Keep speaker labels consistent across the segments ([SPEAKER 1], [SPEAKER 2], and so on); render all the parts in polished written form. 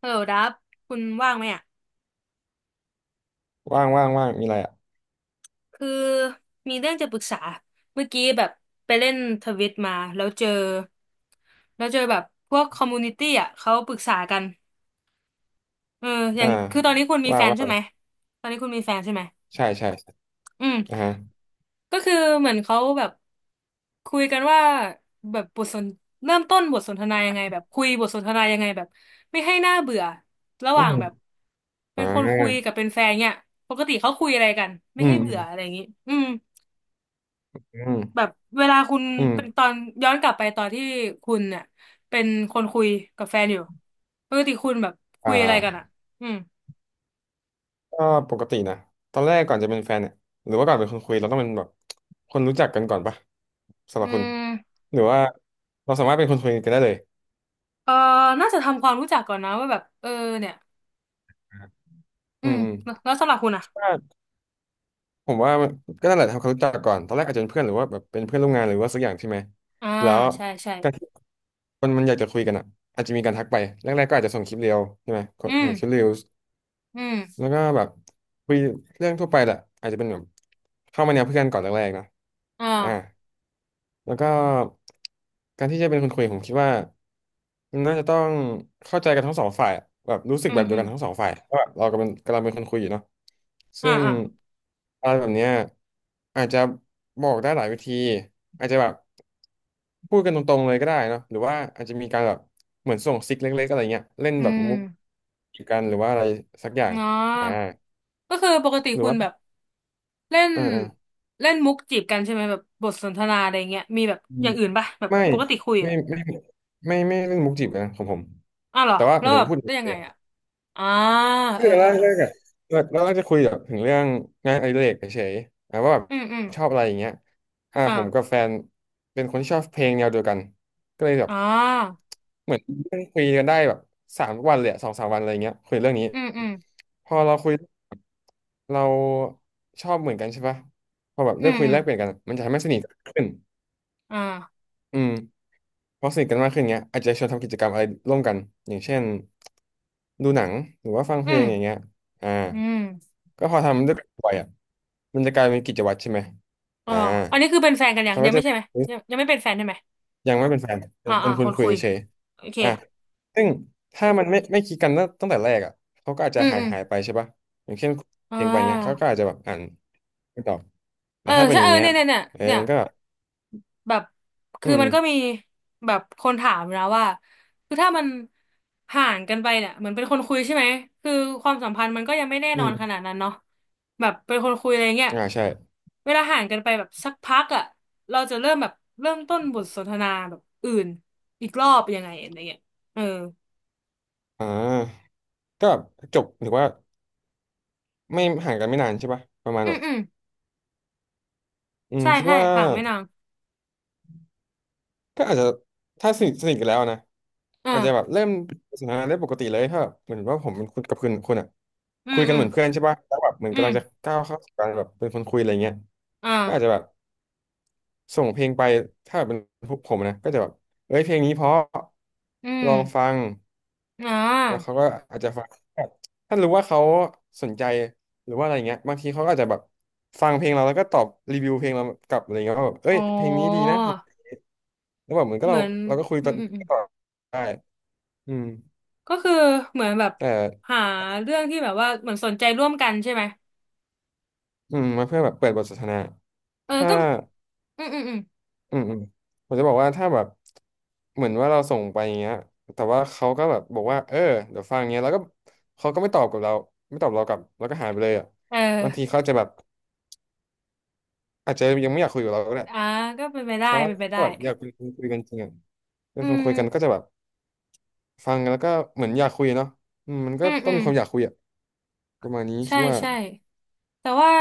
[SPEAKER 1] ฮัลโหลดับคุณว่างไหมอ่ะ
[SPEAKER 2] ว่างว่างว่างมีอะไรอ่ะ
[SPEAKER 1] คือมีเรื่องจะปรึกษา เมื่อกี้แบบไปเล่นทวิตมา แล้วเจอแบบพวกคอมมูนิตี้อ่ะเขาปรึกษากันเอออย่า
[SPEAKER 2] อ่า
[SPEAKER 1] งคือตอนนี้คุณมี
[SPEAKER 2] ว่า
[SPEAKER 1] แฟน
[SPEAKER 2] ว่า
[SPEAKER 1] ใช่ไหม
[SPEAKER 2] ไป
[SPEAKER 1] ตอนนี้คุณมีแฟนใช่ไหม
[SPEAKER 2] ใช่ใช่ใช่
[SPEAKER 1] อืม
[SPEAKER 2] อ่าฮะ
[SPEAKER 1] ก็คือเหมือนเขาแบบคุยกันว่าแบบบทสนเริ่มต้นบทสนทนายังไงแบบคุยบทสนทนายังไงแบบไม่ให้น่าเบื่อระห
[SPEAKER 2] อื
[SPEAKER 1] ว่างแบบ
[SPEAKER 2] ม
[SPEAKER 1] เป็
[SPEAKER 2] อ่
[SPEAKER 1] นคนคุยกั
[SPEAKER 2] า
[SPEAKER 1] บเป็นแฟนเนี่ยปกติเขาคุยอะไรกันไม่
[SPEAKER 2] อื
[SPEAKER 1] ให้
[SPEAKER 2] มอื
[SPEAKER 1] เบื่อ
[SPEAKER 2] ม
[SPEAKER 1] อะไรอย่างนี้อืม
[SPEAKER 2] อืม
[SPEAKER 1] แบบเวลาคุณ
[SPEAKER 2] อืม
[SPEAKER 1] เป็นตอนย้อนกลับไปตอนที่คุณเนี่ยเป็นคนคุยกับแฟนอยู่ปกติคุณแบบ
[SPEAKER 2] อ่
[SPEAKER 1] คุยอะไรกันอ่ะ
[SPEAKER 2] า
[SPEAKER 1] อืม
[SPEAKER 2] ก็ปกตินะตอนแรกก่อนจะเป็นแฟนเนี่ยหรือว่าก่อนเป็นคนคุยเราต้องเป็นแบบคนรู้จักกันก่อนปะสำห
[SPEAKER 1] อื
[SPEAKER 2] รับคุณ
[SPEAKER 1] ม
[SPEAKER 2] หรือว่าเราสามารถเป็นคนคุยกันได้เลย
[SPEAKER 1] เออน่าจะทำความรู้จักก่อนนะว่าแบบเออเนี่ยอื
[SPEAKER 2] อืม
[SPEAKER 1] ม
[SPEAKER 2] อืม
[SPEAKER 1] แล้วสำหรับคุณอ่ะ
[SPEAKER 2] คิดว่าผมว่ามันก็นั่นแหละทำความรู้จักก่อนตอนแรกอาจจะเป็นเพื่อนหรือว่าแบบเป็นเพื่อนร่วมงานหรือว่าสักอย่างใช่ไหม
[SPEAKER 1] อ่า
[SPEAKER 2] แล้ว
[SPEAKER 1] ใช่ใช่
[SPEAKER 2] การที่คนมันอยากจะคุยกันอ่ะอาจจะมีการทักไปแรกๆก็อาจจะส่งคลิปเรียวใช่ไหม
[SPEAKER 1] อืม
[SPEAKER 2] ส่งคลิปเรียว
[SPEAKER 1] อื
[SPEAKER 2] แล้
[SPEAKER 1] ม
[SPEAKER 2] วก็แบบคุยเรื่องทั่วไปแหละอาจจะเป็นแบบเข้ามาแนวเพื่อนก่อนแรกๆนะอ่า
[SPEAKER 1] อ่า
[SPEAKER 2] แล้วก็การที่จะเป็นคนคุยผมคิดว่ามันน่าจะต้องเข้าใจกันทั้งสองฝ่ายอะแบบรู้สึก
[SPEAKER 1] อื
[SPEAKER 2] แบ
[SPEAKER 1] ม
[SPEAKER 2] บเดีย
[SPEAKER 1] อื
[SPEAKER 2] ว
[SPEAKER 1] ม
[SPEAKER 2] กันทั้งสองฝ่ายว่าแบบเรากำลังเป็นคนคุยอยู่เนาะ
[SPEAKER 1] อ่า
[SPEAKER 2] ซึ่ง
[SPEAKER 1] อ่า
[SPEAKER 2] อะไรแบบเนี้ยอาจจะบอกได้หลายวิธีอาจจะแบบพูดกันตรงๆเลยก็ได้เนาะหรือว่าอาจจะมีการแบบเหมือนส่งซิกเล็กๆอะไรเงี้ยเล่น
[SPEAKER 1] อื
[SPEAKER 2] แบบ
[SPEAKER 1] ม
[SPEAKER 2] มุกกันหรือว่าอะไรสักอย่าง
[SPEAKER 1] อ๋อ
[SPEAKER 2] อ่า
[SPEAKER 1] ก็คือปกติ
[SPEAKER 2] หรือ
[SPEAKER 1] คุณ
[SPEAKER 2] ว่า
[SPEAKER 1] แบบเล่น
[SPEAKER 2] เอ่อ
[SPEAKER 1] เล่นมุกจีบกันใช่ไหมแบบบทสนทนาอะไรเงี้ยมีแบบ
[SPEAKER 2] อื
[SPEAKER 1] อ
[SPEAKER 2] ม
[SPEAKER 1] ย่างอื่นป่ะแบบ
[SPEAKER 2] ไม่
[SPEAKER 1] ปกติคุย
[SPEAKER 2] ไม่
[SPEAKER 1] อ่ะ
[SPEAKER 2] ไม่ไมไม่เรื่องมุกจีบนะของผม
[SPEAKER 1] อ้าวเหรอ
[SPEAKER 2] แต่ว่าห
[SPEAKER 1] แล้
[SPEAKER 2] มา
[SPEAKER 1] ว
[SPEAKER 2] ยถึง
[SPEAKER 1] แบบ
[SPEAKER 2] ว่าพูดถึ
[SPEAKER 1] ได้
[SPEAKER 2] ง
[SPEAKER 1] ยัง
[SPEAKER 2] เล
[SPEAKER 1] ไง
[SPEAKER 2] ยอะ
[SPEAKER 1] อ่ะอ่า
[SPEAKER 2] คื
[SPEAKER 1] เอ
[SPEAKER 2] อ
[SPEAKER 1] อ
[SPEAKER 2] เรา
[SPEAKER 1] เออเออ
[SPEAKER 2] แรกๆอะเราก็จะคุยแบบถึงเรื่องงานอดิเรกเฉยๆอ่ะว่าแบบ
[SPEAKER 1] อืมอืม
[SPEAKER 2] ชอบอะไรอย่างเงี้ยอ่า
[SPEAKER 1] อ่า
[SPEAKER 2] ผมกับแฟนเป็นคนที่ชอบเพลงแนวเดียวกันก็เลยแบบ
[SPEAKER 1] อ่า
[SPEAKER 2] เหมือนนั่งคุยกันได้แบบสามวันเลยอะสองสามวันอะไรเงี้ยคุยเรื่องนี้
[SPEAKER 1] อืมอืม
[SPEAKER 2] พอเราคุยเราชอบเหมือนกันใช่ปะพอแบบ
[SPEAKER 1] อื
[SPEAKER 2] ได้
[SPEAKER 1] ม
[SPEAKER 2] คุย
[SPEAKER 1] อื
[SPEAKER 2] แล
[SPEAKER 1] ม
[SPEAKER 2] กเปลี่ยนกันมันจะทำให้สนิทกันขึ้น
[SPEAKER 1] อ่า
[SPEAKER 2] อืม พอสนิทกันมากขึ้นเงี้ยอาจจะชวนทำกิจกรรมอะไรร่วมกันอย่างเช่นดูหนังหรือว่าฟังเพ
[SPEAKER 1] อื
[SPEAKER 2] ล
[SPEAKER 1] ม
[SPEAKER 2] งอย่างเงี้ยอ่า
[SPEAKER 1] อืม
[SPEAKER 2] ก็พอทำด้วยกันบ่อยอ่ะมันจะกลายเป็นกิจวัตรใช่ไหม
[SPEAKER 1] อ๋อ
[SPEAKER 2] อ่า
[SPEAKER 1] อันนี้คือเป็นแฟนกันยัง
[SPEAKER 2] เขาก็
[SPEAKER 1] ยังไม่
[SPEAKER 2] จะ
[SPEAKER 1] ใช่ไหมยังไม่เป็นแฟนใช่ไหม
[SPEAKER 2] ยังไม่เป็นแฟนเป็
[SPEAKER 1] อ่า
[SPEAKER 2] นเป็
[SPEAKER 1] อ่า
[SPEAKER 2] นคุ
[SPEAKER 1] ค
[SPEAKER 2] ณ
[SPEAKER 1] น
[SPEAKER 2] คุย
[SPEAKER 1] คุย
[SPEAKER 2] เฉย
[SPEAKER 1] โอเค
[SPEAKER 2] ๆอ่าซึ่งถ้ามันไม่คิดกันตั้งแต่แรกอ่ะเขาก็อาจ
[SPEAKER 1] อื
[SPEAKER 2] จะ
[SPEAKER 1] ม
[SPEAKER 2] หาย
[SPEAKER 1] อืม
[SPEAKER 2] หายไปใช่ปะอย่างเช่น
[SPEAKER 1] อ่
[SPEAKER 2] เพียงไปเงี้ยเขาก็
[SPEAKER 1] า
[SPEAKER 2] อาจจะแบบอ่านไม่ตอบ
[SPEAKER 1] เอ
[SPEAKER 2] แต่
[SPEAKER 1] อ
[SPEAKER 2] ถ้าเป็น
[SPEAKER 1] ใช่
[SPEAKER 2] อย่า
[SPEAKER 1] เอ
[SPEAKER 2] ง
[SPEAKER 1] อ
[SPEAKER 2] เงี้ย
[SPEAKER 1] เนี่ยเนี่ยเนี่ย
[SPEAKER 2] เออ
[SPEAKER 1] เนี่ย
[SPEAKER 2] มันก็แบบ
[SPEAKER 1] แบบ
[SPEAKER 2] อื
[SPEAKER 1] คือมันก็มี
[SPEAKER 2] ม
[SPEAKER 1] แบบคนถามนะว่าคือถ้ามันห่างกันไปเนี่ยเหมือนเป็นคนคุยใช่ไหมคือความสัมพันธ์มันก็ยังไม่แน่
[SPEAKER 2] อื
[SPEAKER 1] นอนขนา
[SPEAKER 2] ม
[SPEAKER 1] ดนั้นเนาะแบบเป็นคนคุยอะไรเงี้ย
[SPEAKER 2] อ่าใช่
[SPEAKER 1] เวลาห่างกันไปแบบสักพักอ่ะเราจะเริ่มแบบเริ่มต้นบทสนทนาแบบอื่นอีกรอบยังไงอะไรเงี้ยเออ
[SPEAKER 2] อ่าก็จบหรือว่า ไม่ห่างกันไม่นานใช่ปะประมาณ
[SPEAKER 1] อื
[SPEAKER 2] แบ
[SPEAKER 1] ม
[SPEAKER 2] บ
[SPEAKER 1] อืม
[SPEAKER 2] อืม
[SPEAKER 1] ใช่
[SPEAKER 2] คิด
[SPEAKER 1] ใช่
[SPEAKER 2] ว่า
[SPEAKER 1] ห่างไม่นาน
[SPEAKER 2] ก็อาจจะถ้าสนิทกันแล้วนะอาจจะแบบ
[SPEAKER 1] อ่า
[SPEAKER 2] เริ่มสนทนาได้ปกติเลยถ้าแบบเหมือนว่าผมเป็นคุณกับคุณอ่ะ
[SPEAKER 1] อื
[SPEAKER 2] คุ
[SPEAKER 1] ม
[SPEAKER 2] ยกั
[SPEAKER 1] อื
[SPEAKER 2] นเห
[SPEAKER 1] ม
[SPEAKER 2] มือนเพื่อนใช่ปะแล้วแบบเหมือน
[SPEAKER 1] อื
[SPEAKER 2] กำ
[SPEAKER 1] ม
[SPEAKER 2] ลังจะก้าวเข้าสู่การแบบเป็นคนคุยอะไรเงี้ย
[SPEAKER 1] อ่
[SPEAKER 2] ก็อาจจะแบ
[SPEAKER 1] า
[SPEAKER 2] บส่งเพลงไปถ้าแบบเป็นพวกผมนะก็จะแบบเอ้ยเพลงนี้เพราะ
[SPEAKER 1] อืม
[SPEAKER 2] ลองฟัง
[SPEAKER 1] อ่
[SPEAKER 2] แล้วเขา
[SPEAKER 1] า
[SPEAKER 2] ก็อาจจะฟังแบบถ้ารู้ว่าเขาสนใจหรือว่าอะไรเงี้ยบางทีเขาก็อาจจะแบบฟังเพลงเราแล้วก็ตอบรีวิวเพลงเรากลับอะไรเงี้ยว่าแบบเอ้
[SPEAKER 1] อ๋อ
[SPEAKER 2] ยเพลงนี้ดีนะแล้วแบบเหมือนก็
[SPEAKER 1] เหมื
[SPEAKER 2] เรา
[SPEAKER 1] อน
[SPEAKER 2] เราก็คุย
[SPEAKER 1] อื
[SPEAKER 2] ต่อ
[SPEAKER 1] มอืมอืม
[SPEAKER 2] ต่อได้อืม
[SPEAKER 1] ก็คือเหมือนแบบ
[SPEAKER 2] แต่
[SPEAKER 1] หาเรื่องที่แบบว่าเหมือนสนใจร่วมกันใช่ไหม
[SPEAKER 2] อืมมาเพื่อแบบเปิดบทสนทนา
[SPEAKER 1] เออ
[SPEAKER 2] ถ้า
[SPEAKER 1] ก็อืมอืมอืม
[SPEAKER 2] อืมผมจะบอกว่าถ้าแบบเหมือนว่าเราส่งไปอย่างเงี้ยแต่ว่าเขาก็แบบบอกว่าเออเดี๋ยวฟังเงี้ยแล้วก็เขาก็ไม่ตอบกับเราไม่ตอบเรากลับแล้วก็หายไปเลยอ่ะ
[SPEAKER 1] เออ
[SPEAKER 2] บางทีเขาจะแบบอาจจะยังไม่อยากคุยกับเราก็ได้
[SPEAKER 1] อ่าก็เป็นไป
[SPEAKER 2] เพ
[SPEAKER 1] ได้
[SPEAKER 2] ราะว่า
[SPEAKER 1] เป็นไปได้
[SPEAKER 2] ถ้าแบบอยากเป็นคนคุยกันจริงอะเป็
[SPEAKER 1] อื
[SPEAKER 2] นคน
[SPEAKER 1] ม
[SPEAKER 2] คุยกันก็จะแบบฟังแล้วก็เหมือนอยากคุยเนาะอืมมัน
[SPEAKER 1] อื
[SPEAKER 2] ก็
[SPEAKER 1] ม
[SPEAKER 2] ต้
[SPEAKER 1] อื
[SPEAKER 2] อง
[SPEAKER 1] ม
[SPEAKER 2] มีความอยากคุยอะประมาณนี้คิ
[SPEAKER 1] ใช่
[SPEAKER 2] ดว่า
[SPEAKER 1] ใช่แต่ว่า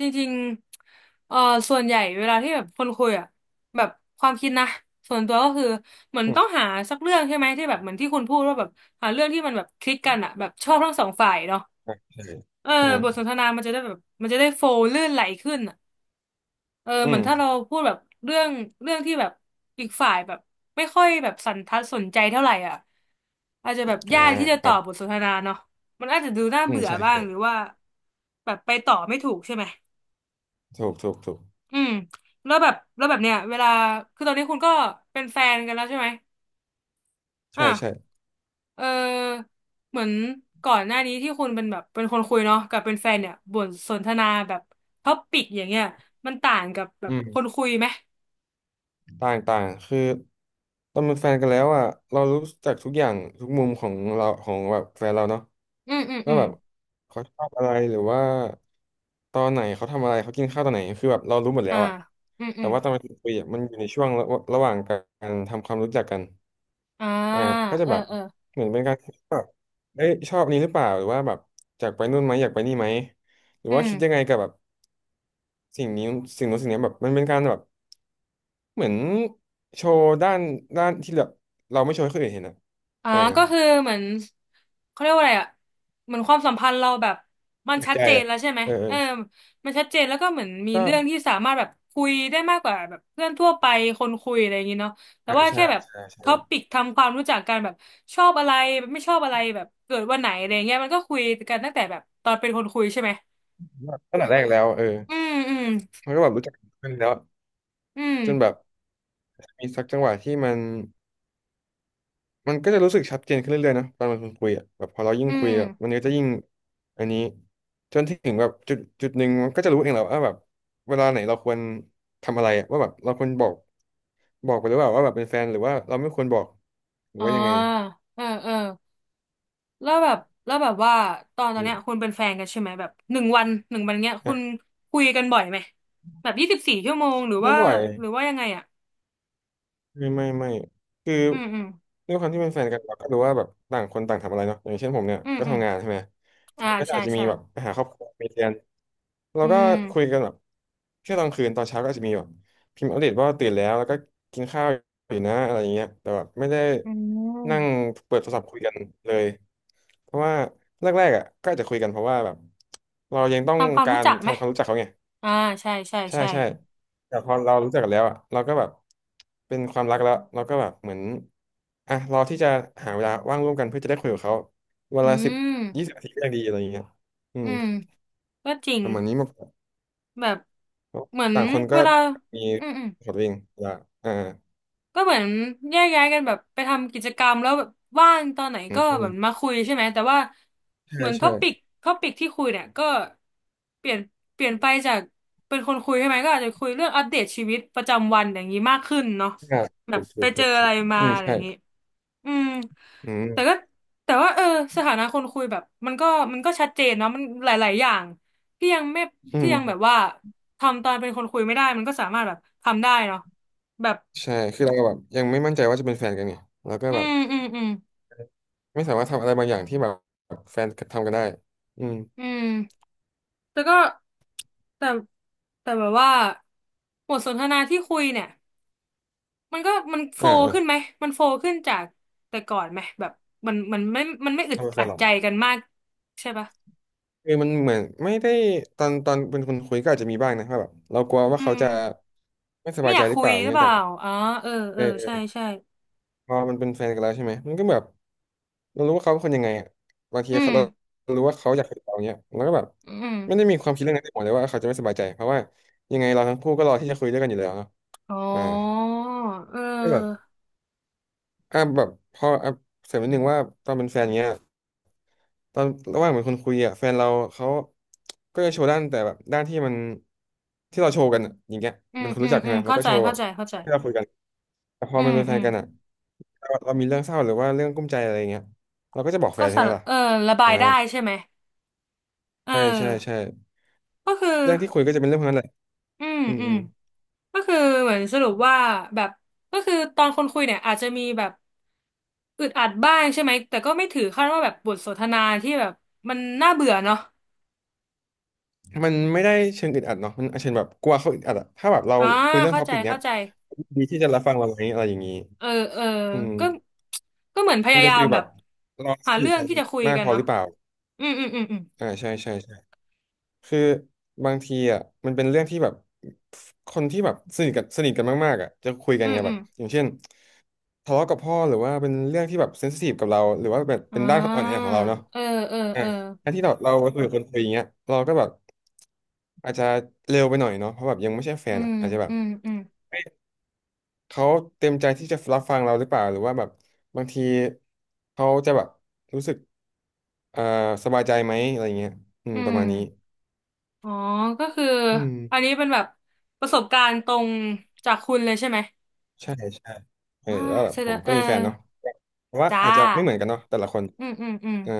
[SPEAKER 1] จริงๆเออส่วนใหญ่เวลาที่แบบคนคุยอ่ะแบบความคิดนะส่วนตัวก็คือเหมือน
[SPEAKER 2] อื
[SPEAKER 1] ต้
[SPEAKER 2] ม
[SPEAKER 1] องหาสักเรื่องใช่ไหมที่แบบเหมือนที่คุณพูดว่าแบบหาเรื่องที่มันแบบคลิกกันอ่ะแบบชอบทั้งสองฝ่ายเนาะ
[SPEAKER 2] อ่ะใช่
[SPEAKER 1] เออ
[SPEAKER 2] อ่า
[SPEAKER 1] บทสนทนามันจะได้แบบมันจะได้โฟล์ลื่นไหลขึ้น เออเห
[SPEAKER 2] อื
[SPEAKER 1] มือ
[SPEAKER 2] ม
[SPEAKER 1] นถ้าเราพูดแบบเรื่องเรื่องที่แบบอีกฝ่ายแบบไม่ค่อยแบบสันทัดสนใจเท่าไหร่อ่ะอาจจะแบบ
[SPEAKER 2] อ่า
[SPEAKER 1] ยากที่จะ
[SPEAKER 2] ค
[SPEAKER 1] ต่
[SPEAKER 2] รั
[SPEAKER 1] อบท
[SPEAKER 2] บ
[SPEAKER 1] สนทนาเนาะมันอาจจะดูน่า
[SPEAKER 2] อืม
[SPEAKER 1] เบื่อ
[SPEAKER 2] ใช่
[SPEAKER 1] บ้าง
[SPEAKER 2] ใช่
[SPEAKER 1] หรือว่าแบบไปต่อไม่ถูกใช่ไหม
[SPEAKER 2] ถูกถูกถูก
[SPEAKER 1] อืมแล้วแบบแล้วแบบเนี้ยเวลาคือตอนนี้คุณก็เป็นแฟนกันแล้วใช่ไหมอ่ะ
[SPEAKER 2] ใช่ใช่
[SPEAKER 1] เออเหมือนก่อนหน้านี้ที่คุณเป็นแบบเป็นคนคุยเนาะกับเป็นแฟนเนี่ยบทสนทนาแบบท็อปิกอย่างเงี้ยมันต่างกับแบ
[SPEAKER 2] อื
[SPEAKER 1] บคน
[SPEAKER 2] ม
[SPEAKER 1] คุยไหม
[SPEAKER 2] ต่างต่างคือตอนเป็นแฟนกันแล้วอ่ะเรารู้จักทุกอย่างทุกมุมของเราของแบบแฟนเราเนาะ
[SPEAKER 1] อืมอืมอื
[SPEAKER 2] ว่า
[SPEAKER 1] ม
[SPEAKER 2] แบบเขาชอบอะไรหรือว่าตอนไหนเขาทำอะไรเขากินข้าวตอนไหนคือแบบเรารู้หมดแล้
[SPEAKER 1] อ่า
[SPEAKER 2] วอะ
[SPEAKER 1] อืมอื
[SPEAKER 2] แต่
[SPEAKER 1] ม
[SPEAKER 2] ว่าตอนมาคุยอะมันอยู่ในช่วงระหว่างการทำความรู้จักกัน
[SPEAKER 1] อ่า
[SPEAKER 2] อ่าก็จะ
[SPEAKER 1] เออ
[SPEAKER 2] แบบ
[SPEAKER 1] เออ
[SPEAKER 2] เหมือนเป็นการคิดแบบเอ้ยชอบอันนี้หรือเปล่าหรือว่าแบบอยากไปนู่นไหมอยากไปนี่ไหมหรือ
[SPEAKER 1] อื
[SPEAKER 2] ว่า
[SPEAKER 1] ม
[SPEAKER 2] คิดยังไงกับแบบสิ่งนี้สิ่งนู้นสิ่งนี้แบบมันเป็นการแบบเหมือนโชว์ด้านที่แบบเราไม่โชว์ให้คนอื่นเห็นอะ
[SPEAKER 1] อ่า
[SPEAKER 2] อ่า
[SPEAKER 1] ก็คือเหมือนเขาเรียกว่าอะไรอ่ะเหมือนความสัมพันธ์เราแบบมัน
[SPEAKER 2] เปิด
[SPEAKER 1] ชัด
[SPEAKER 2] ใจ
[SPEAKER 1] เจน
[SPEAKER 2] อะ
[SPEAKER 1] แล้วใช่ไหม
[SPEAKER 2] เออเออ
[SPEAKER 1] เออมันชัดเจนแล้วก็เหมือนมี
[SPEAKER 2] ก็
[SPEAKER 1] เรื่องที่สามารถแบบคุยได้มากกว่าแบบเพื่อนทั่วไปคนคุยอะไรอย่างงี้เนาะแต่
[SPEAKER 2] อ่า
[SPEAKER 1] ว่า
[SPEAKER 2] ใช่
[SPEAKER 1] แค่แบบ
[SPEAKER 2] ใช่ใช่
[SPEAKER 1] ท็อปิกทำความรู้จักกันแบบชอบอะไรไม่ชอบอะไรแบบเกิดวันไหนอะไรเงี้ยมันก็คุยกันตั้งแต่แบบตอนเป็นคนคุยใช่ไหม
[SPEAKER 2] ว่าตั้งแต่แรกแล้วเออ
[SPEAKER 1] อืมอืม
[SPEAKER 2] มันก็แบบรู้จักกันขึ้นแล้ว
[SPEAKER 1] อืม
[SPEAKER 2] จนแบบมีสักจังหวะที่มันก็จะรู้สึกชัดเจนขึ้นเรื่อยๆนะตอนมันคุยอ่ะแบบพอเรายิ่
[SPEAKER 1] อื
[SPEAKER 2] งคุ
[SPEAKER 1] ม
[SPEAKER 2] ยแบบมันก็จะยิ่งอันนี้จนถึงแบบจุดหนึ่งมันก็จะรู้เองแหละว่าแบบเวลาไหนเราควรทำอะไรอะว่าแบบเราควรบอกไปหรือเปล่าว่าแบบเป็นแฟนหรือว่าเราไม่ควรบอกหรือ
[SPEAKER 1] อ๋อ
[SPEAKER 2] ว่ายังไง
[SPEAKER 1] เออเออ แล้วแบบแล้วแบบว่าตอน
[SPEAKER 2] นี่
[SPEAKER 1] เนี้ยคุณเป็นแฟนกันใช่ไหมแบบหนึ่งวันหนึ่งวันเนี้ยคุ
[SPEAKER 2] อ่ะ
[SPEAKER 1] ณคุยกันบ่อยไหมแบบ24 ชั่วโมงหรือ
[SPEAKER 2] ไม่
[SPEAKER 1] ว่า
[SPEAKER 2] บ่อย
[SPEAKER 1] หรือว่ายังไงอ่ะ
[SPEAKER 2] ไม่ไม่คือ
[SPEAKER 1] อืมอืม
[SPEAKER 2] ด้วยความที่เป็นแฟนกันเราก็รู้ว่าแบบต่างคนต่างทำอะไรเนาะอย่างเช่นผมเนี่ย
[SPEAKER 1] อืม
[SPEAKER 2] ก็
[SPEAKER 1] อืม
[SPEAKER 2] ทำงานใช่ไหมแฟ
[SPEAKER 1] อ่า
[SPEAKER 2] นก็
[SPEAKER 1] ใช่
[SPEAKER 2] อาจจะมี
[SPEAKER 1] ใช่
[SPEAKER 2] แบบไปหาครอบครัวมีเรียน เรา
[SPEAKER 1] อื
[SPEAKER 2] ก็
[SPEAKER 1] ม
[SPEAKER 2] คุยกันแบบแค่ตอนคืนตอนเช้าก็อาจจะมีแบบพิมพ์อัปเดตว่าตื่นแล้วแล้วก็กินข้าวอยู่นะอะไรอย่างเงี้ยแต่แบบไม่ได้
[SPEAKER 1] อื
[SPEAKER 2] นั่ง
[SPEAKER 1] ม
[SPEAKER 2] เปิดโทรศัพท์คุยกันเลยเพราะว่าแรกๆอ่ะก็อาจจะคุยกันเพราะว่าแบบเรายังต้อง
[SPEAKER 1] ทำความ
[SPEAKER 2] กา
[SPEAKER 1] รู้
[SPEAKER 2] ร
[SPEAKER 1] จักไหม
[SPEAKER 2] ทำความรู้จักเขาไง
[SPEAKER 1] อ่าใช่ใช่
[SPEAKER 2] ใช่
[SPEAKER 1] ใช่
[SPEAKER 2] ใช่แต่พอเรารู้จักกันแล้วอ่ะเราก็แบบเป็นความรักแล้วเราก็แบบเหมือนอ่ะรอที่จะหาเวลาว่างร่วมกันเพื่อจะได้คุยกับเขาเว
[SPEAKER 1] อื
[SPEAKER 2] ลาสิบ
[SPEAKER 1] ม
[SPEAKER 2] ยี่สิบนาทีก็ยังดีอะไรอย่างเงี้ยอื
[SPEAKER 1] อื
[SPEAKER 2] ม
[SPEAKER 1] มก็จริง
[SPEAKER 2] ประมาณนี้มาก
[SPEAKER 1] แบบ
[SPEAKER 2] เพราะ
[SPEAKER 1] เหมือน
[SPEAKER 2] ต่างคนก็
[SPEAKER 1] เวลา
[SPEAKER 2] มี
[SPEAKER 1] อืมอืม
[SPEAKER 2] ขอดวิ่งละอ่า
[SPEAKER 1] ก็เหมือนแยกย้ายกันแบบไปทำกิจกรรมแล้วแบบว่างตอนไหน
[SPEAKER 2] อื
[SPEAKER 1] ก็
[SPEAKER 2] มอื
[SPEAKER 1] แบ
[SPEAKER 2] ม
[SPEAKER 1] บมาคุยใช่ไหมแต่ว่าเห
[SPEAKER 2] ใช่
[SPEAKER 1] มือนท็อ
[SPEAKER 2] ใช่
[SPEAKER 1] ปิกที่คุยเนี่ยก็เปลี่ยนเปลี่ยนไปจากเป็นคนคุยใช่ไหมก็อาจจะคุยเรื่องอัปเดตชีวิตประจำวันอย่างนี้มากขึ้นเนาะ
[SPEAKER 2] อ่า
[SPEAKER 1] แบ
[SPEAKER 2] ถู
[SPEAKER 1] บ
[SPEAKER 2] กถู
[SPEAKER 1] ไป
[SPEAKER 2] ก
[SPEAKER 1] เจ
[SPEAKER 2] ถู
[SPEAKER 1] อ
[SPEAKER 2] ก
[SPEAKER 1] อะ
[SPEAKER 2] ถู
[SPEAKER 1] ไร
[SPEAKER 2] ก
[SPEAKER 1] มา
[SPEAKER 2] อืม
[SPEAKER 1] อะไรอ
[SPEAKER 2] ใช่
[SPEAKER 1] ย่างนี้อืม
[SPEAKER 2] อืม
[SPEAKER 1] แต่ก็แต่ว่าเออสถานะคนคุยแบบมันก็มันก็ชัดเจนเนาะมันหลายๆอย่างที่ยังไม่
[SPEAKER 2] อื
[SPEAKER 1] ที่
[SPEAKER 2] ม
[SPEAKER 1] ยังแบบว่าทำตอนเป็นคนคุยไม่ได้มันก็สามารถแบบทำได้เนาะแบบ
[SPEAKER 2] ใช่คือเราแบบยังไม่มั่นใจว่าจะเป็นแฟนกันไงแล้วก็
[SPEAKER 1] อื
[SPEAKER 2] แบบ
[SPEAKER 1] มอืมอืม
[SPEAKER 2] ไม่สามารถทำอะไรบางอย่างที่แบบแฟนทำกันได้อืม
[SPEAKER 1] อืมแต่ก็แต่แต่แบบว่าบทสนทนาที่คุยเนี่ยมันก็มันโฟล
[SPEAKER 2] อ่า
[SPEAKER 1] ว์
[SPEAKER 2] อ่า
[SPEAKER 1] ขึ้นไหมมันโฟลว์ขึ้นจากแต่ก่อนไหมแบบมันไม่อึด
[SPEAKER 2] ทำเป็นแฟ
[SPEAKER 1] อั
[SPEAKER 2] น
[SPEAKER 1] ด
[SPEAKER 2] หรอ
[SPEAKER 1] ใจกันมากใช่ปะ
[SPEAKER 2] คือมันเหมือนไม่ได้ตอนเป็นคนคุยก็อาจจะมีบ้างนะว่าแบบเรากลัวว่า
[SPEAKER 1] อื
[SPEAKER 2] เขา
[SPEAKER 1] ม
[SPEAKER 2] จะไม่ส
[SPEAKER 1] ไม่
[SPEAKER 2] บาย
[SPEAKER 1] อ
[SPEAKER 2] ใจ
[SPEAKER 1] ยาก
[SPEAKER 2] หรือ
[SPEAKER 1] คุ
[SPEAKER 2] เป
[SPEAKER 1] ย
[SPEAKER 2] ล่าอย่า
[SPEAKER 1] ห
[SPEAKER 2] ง
[SPEAKER 1] รือ
[SPEAKER 2] เงี้ย
[SPEAKER 1] เป
[SPEAKER 2] แต่
[SPEAKER 1] ล่า
[SPEAKER 2] แบบ
[SPEAKER 1] อ๋อเออเอ
[SPEAKER 2] เออ
[SPEAKER 1] อ
[SPEAKER 2] เอ
[SPEAKER 1] ใช่
[SPEAKER 2] อ
[SPEAKER 1] ใช่
[SPEAKER 2] พอมันเป็นแฟนกันแล้วใช่ไหมมันก็แบบ เรารู้ว่าเขาเป็นคนยังไงอ่ะบางที
[SPEAKER 1] อื
[SPEAKER 2] เขา
[SPEAKER 1] ม
[SPEAKER 2] เรารู้ว่าเขาอยากคุยกับเราเนี้ยเราก็แบบ
[SPEAKER 1] อืม
[SPEAKER 2] ไม่ได้มีความคิดเรื่องนั้นในหัวเลยว่าเขาจะไม่สบายใจเพราะว่ายังไงเราทั้งคู่ก็รอที่จะคุยด้วยกันอยู่แล้วเนาะ
[SPEAKER 1] อ๋อ
[SPEAKER 2] อ่า
[SPEAKER 1] เ
[SPEAKER 2] ก็แบบ
[SPEAKER 1] ออ
[SPEAKER 2] อ่ะแบบพออ่ะเสริมนิดนึงว่าตอนเป็นแฟนเงี้ยตอนระหว่างเป็นคนคุยอ่ะแฟนเราเขาก็จะโชว์ด้านแต่แบบด้านที่มันที่เราโชว์กันอะอย่างเงี้ย
[SPEAKER 1] อื
[SPEAKER 2] เป็
[SPEAKER 1] ม
[SPEAKER 2] นคน
[SPEAKER 1] อื
[SPEAKER 2] รู้
[SPEAKER 1] ม
[SPEAKER 2] จัก
[SPEAKER 1] อื
[SPEAKER 2] ใช่
[SPEAKER 1] ม
[SPEAKER 2] ไหมเรา
[SPEAKER 1] เข้า
[SPEAKER 2] ก็
[SPEAKER 1] ใจ
[SPEAKER 2] โชว์แบ
[SPEAKER 1] เข้า
[SPEAKER 2] บ
[SPEAKER 1] ใจเข้าใจ
[SPEAKER 2] ที่เราคุยกันแต่พอ
[SPEAKER 1] อื
[SPEAKER 2] มั
[SPEAKER 1] ม
[SPEAKER 2] นเป็นแฟ
[SPEAKER 1] อื
[SPEAKER 2] น
[SPEAKER 1] ม
[SPEAKER 2] กันอ่ะเรามีเรื่องเศร้าหรือว่าเรื่องกุ้มใจอะไรอย่างเงี้ยเราก็จะบอกแฟ
[SPEAKER 1] ก็
[SPEAKER 2] นใช่
[SPEAKER 1] สา
[SPEAKER 2] ไหม
[SPEAKER 1] ร
[SPEAKER 2] ล่ะ
[SPEAKER 1] เออระบา
[SPEAKER 2] อ่า
[SPEAKER 1] ยได้ใช่ไหมเออ
[SPEAKER 2] ใช่ใช่ใช่
[SPEAKER 1] ก็คือ
[SPEAKER 2] เรื่องที่คุยก็จะเป็นเรื่องพวกนั้นแหละ
[SPEAKER 1] อืม
[SPEAKER 2] อืม
[SPEAKER 1] อื
[SPEAKER 2] อื
[SPEAKER 1] ม
[SPEAKER 2] ม
[SPEAKER 1] ก็คือเหมือนสรุปว่าแบบก็คือตอนคนคุยเนี่ยอาจจะมีแบบอึดอัดบ้างใช่ไหมแต่ก็ไม่ถือขั้นว่าแบบบทสนทนาที่แบบมันน่าเบื่อเนาะ
[SPEAKER 2] มันไม่ได้เชิงอึดอัดเนาะมันเชิงแบบกลัวเขาอึดอัดอะถ้าแบบเรา
[SPEAKER 1] อ่า
[SPEAKER 2] คุยเรื่อง
[SPEAKER 1] เข้า
[SPEAKER 2] ท็อ
[SPEAKER 1] ใจ
[SPEAKER 2] ปิกเนี้
[SPEAKER 1] เข้า
[SPEAKER 2] ย
[SPEAKER 1] ใจ
[SPEAKER 2] ดีที่จะรับฟังเราไหมอะไรอย่างนี้
[SPEAKER 1] เออเออ
[SPEAKER 2] อืม
[SPEAKER 1] ก็ก็เหมือนพ
[SPEAKER 2] มัน
[SPEAKER 1] ยา
[SPEAKER 2] จะ
[SPEAKER 1] ยาม
[SPEAKER 2] ฟีล
[SPEAKER 1] แบ
[SPEAKER 2] แบ
[SPEAKER 1] บ
[SPEAKER 2] บเรา
[SPEAKER 1] หา
[SPEAKER 2] สนิ
[SPEAKER 1] เรื่
[SPEAKER 2] ท
[SPEAKER 1] อง
[SPEAKER 2] กัน
[SPEAKER 1] ที่จะคุย
[SPEAKER 2] มาก
[SPEAKER 1] กั
[SPEAKER 2] พ
[SPEAKER 1] น
[SPEAKER 2] อห
[SPEAKER 1] เนาะ
[SPEAKER 2] รือเปล่า
[SPEAKER 1] อืมอืมอืมอืม
[SPEAKER 2] อ่าใช่ใช่ใช่คือบางทีอ่ะมันเป็นเรื่องที่แบบคนที่แบบสนิทกันสนิทกันมากๆอ่ะจะคุยกัน
[SPEAKER 1] อืม
[SPEAKER 2] ไง
[SPEAKER 1] อื
[SPEAKER 2] แบบ
[SPEAKER 1] ม
[SPEAKER 2] อย่างเช่นทะเลาะกับพ่อหรือว่าเป็นเรื่องที่แบบเซนซิทีฟกับเราหรือว่าแบบ
[SPEAKER 1] อ่
[SPEAKER 2] เป็นด้านอ่อนแอ
[SPEAKER 1] า
[SPEAKER 2] ของเราเนาะ
[SPEAKER 1] เออเออ
[SPEAKER 2] อ่ะ
[SPEAKER 1] เออ
[SPEAKER 2] การที่เราคุยกับคนคุยอย่างเงี้ยเราก็แบบอาจจะเร็วไปหน่อยเนาะเพราะแบบยังไม่ใช่แฟ
[SPEAKER 1] อื
[SPEAKER 2] นอ่ะ
[SPEAKER 1] ม
[SPEAKER 2] อาจจะแบ
[SPEAKER 1] อื
[SPEAKER 2] บ
[SPEAKER 1] มอืม
[SPEAKER 2] เอ้ยเขาเต็มใจที่จะรับฟังเราหรือเปล่าหรือว่าแบบบางทีเขาจะแบบรู้สึกเอ่อสบายใจไหมอะไรเงี้ยอื
[SPEAKER 1] อื
[SPEAKER 2] มประมา
[SPEAKER 1] ม
[SPEAKER 2] ณนี้
[SPEAKER 1] อ๋อก็คือ
[SPEAKER 2] อืม
[SPEAKER 1] อันนี้เป็นแบบประสบการณ์ตรงจากคุณเลยใช่ไหม
[SPEAKER 2] ใช่ใช่เออ
[SPEAKER 1] อ่า
[SPEAKER 2] ก็แบบ
[SPEAKER 1] แสด
[SPEAKER 2] ผม
[SPEAKER 1] ง
[SPEAKER 2] ก็
[SPEAKER 1] เออ
[SPEAKER 2] มีแฟนเนาะแพ่ว่า
[SPEAKER 1] จ้า
[SPEAKER 2] อาจจะไม่เหมือนกันเนาะแต่ละคน
[SPEAKER 1] อืม อืม อืม
[SPEAKER 2] เอ่า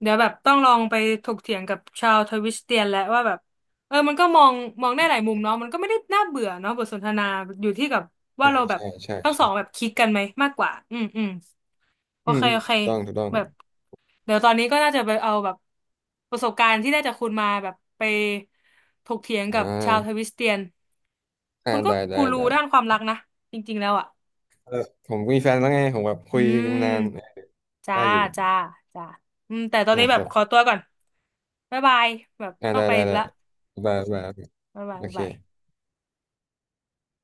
[SPEAKER 1] เดี๋ยวแบบต้องลองไปถกเถียงกับชาวทวิสเตียนแล้วว่าแบบเออมันก็มองมองได้หลายมุมเนาะมันก็ไม่ได้น่าเบื่อเนาะบทสนทนาอยู่ที่กับว่า
[SPEAKER 2] อา
[SPEAKER 1] เราแบบ
[SPEAKER 2] ใช่ใช่
[SPEAKER 1] ทั้งสองแบ
[SPEAKER 2] ใช่
[SPEAKER 1] บคลิดกันไหมมากกว่าอืมอืมโอ
[SPEAKER 2] อืม
[SPEAKER 1] เค
[SPEAKER 2] อืม
[SPEAKER 1] โอเค
[SPEAKER 2] ถูกต้องถูกต้อง
[SPEAKER 1] แบบเดี๋ยวตอนนี้ก็น่าจะไปเอาแบบประสบการณ์ที่ได้จากคุณมาแบบไปถกเถียง
[SPEAKER 2] อ่
[SPEAKER 1] กับชาวทวิ
[SPEAKER 2] า
[SPEAKER 1] สเตียน
[SPEAKER 2] อ่า
[SPEAKER 1] คุณก็
[SPEAKER 2] ได้ได้
[SPEAKER 1] กูรู
[SPEAKER 2] ได้
[SPEAKER 1] ด้านความรักนะจริงๆแล้วอ่ะ
[SPEAKER 2] เออผมก็มีแฟนแล้วไงผมแบบ
[SPEAKER 1] อื
[SPEAKER 2] คุยกันมานาน
[SPEAKER 1] มจ้า
[SPEAKER 2] ได้อยู่
[SPEAKER 1] จ้าจ้าอืมแต่ตอนนี้
[SPEAKER 2] นะ
[SPEAKER 1] แบ
[SPEAKER 2] ค
[SPEAKER 1] บ
[SPEAKER 2] รับ
[SPEAKER 1] ขอตัวก่อนบ๊ายบายแบบ
[SPEAKER 2] อ่า
[SPEAKER 1] ต้อง
[SPEAKER 2] ได้
[SPEAKER 1] ไป
[SPEAKER 2] ได้ได้
[SPEAKER 1] ละ
[SPEAKER 2] บายบาย
[SPEAKER 1] บ๊ายบาย
[SPEAKER 2] โอ
[SPEAKER 1] บ๊าย
[SPEAKER 2] เค
[SPEAKER 1] บาย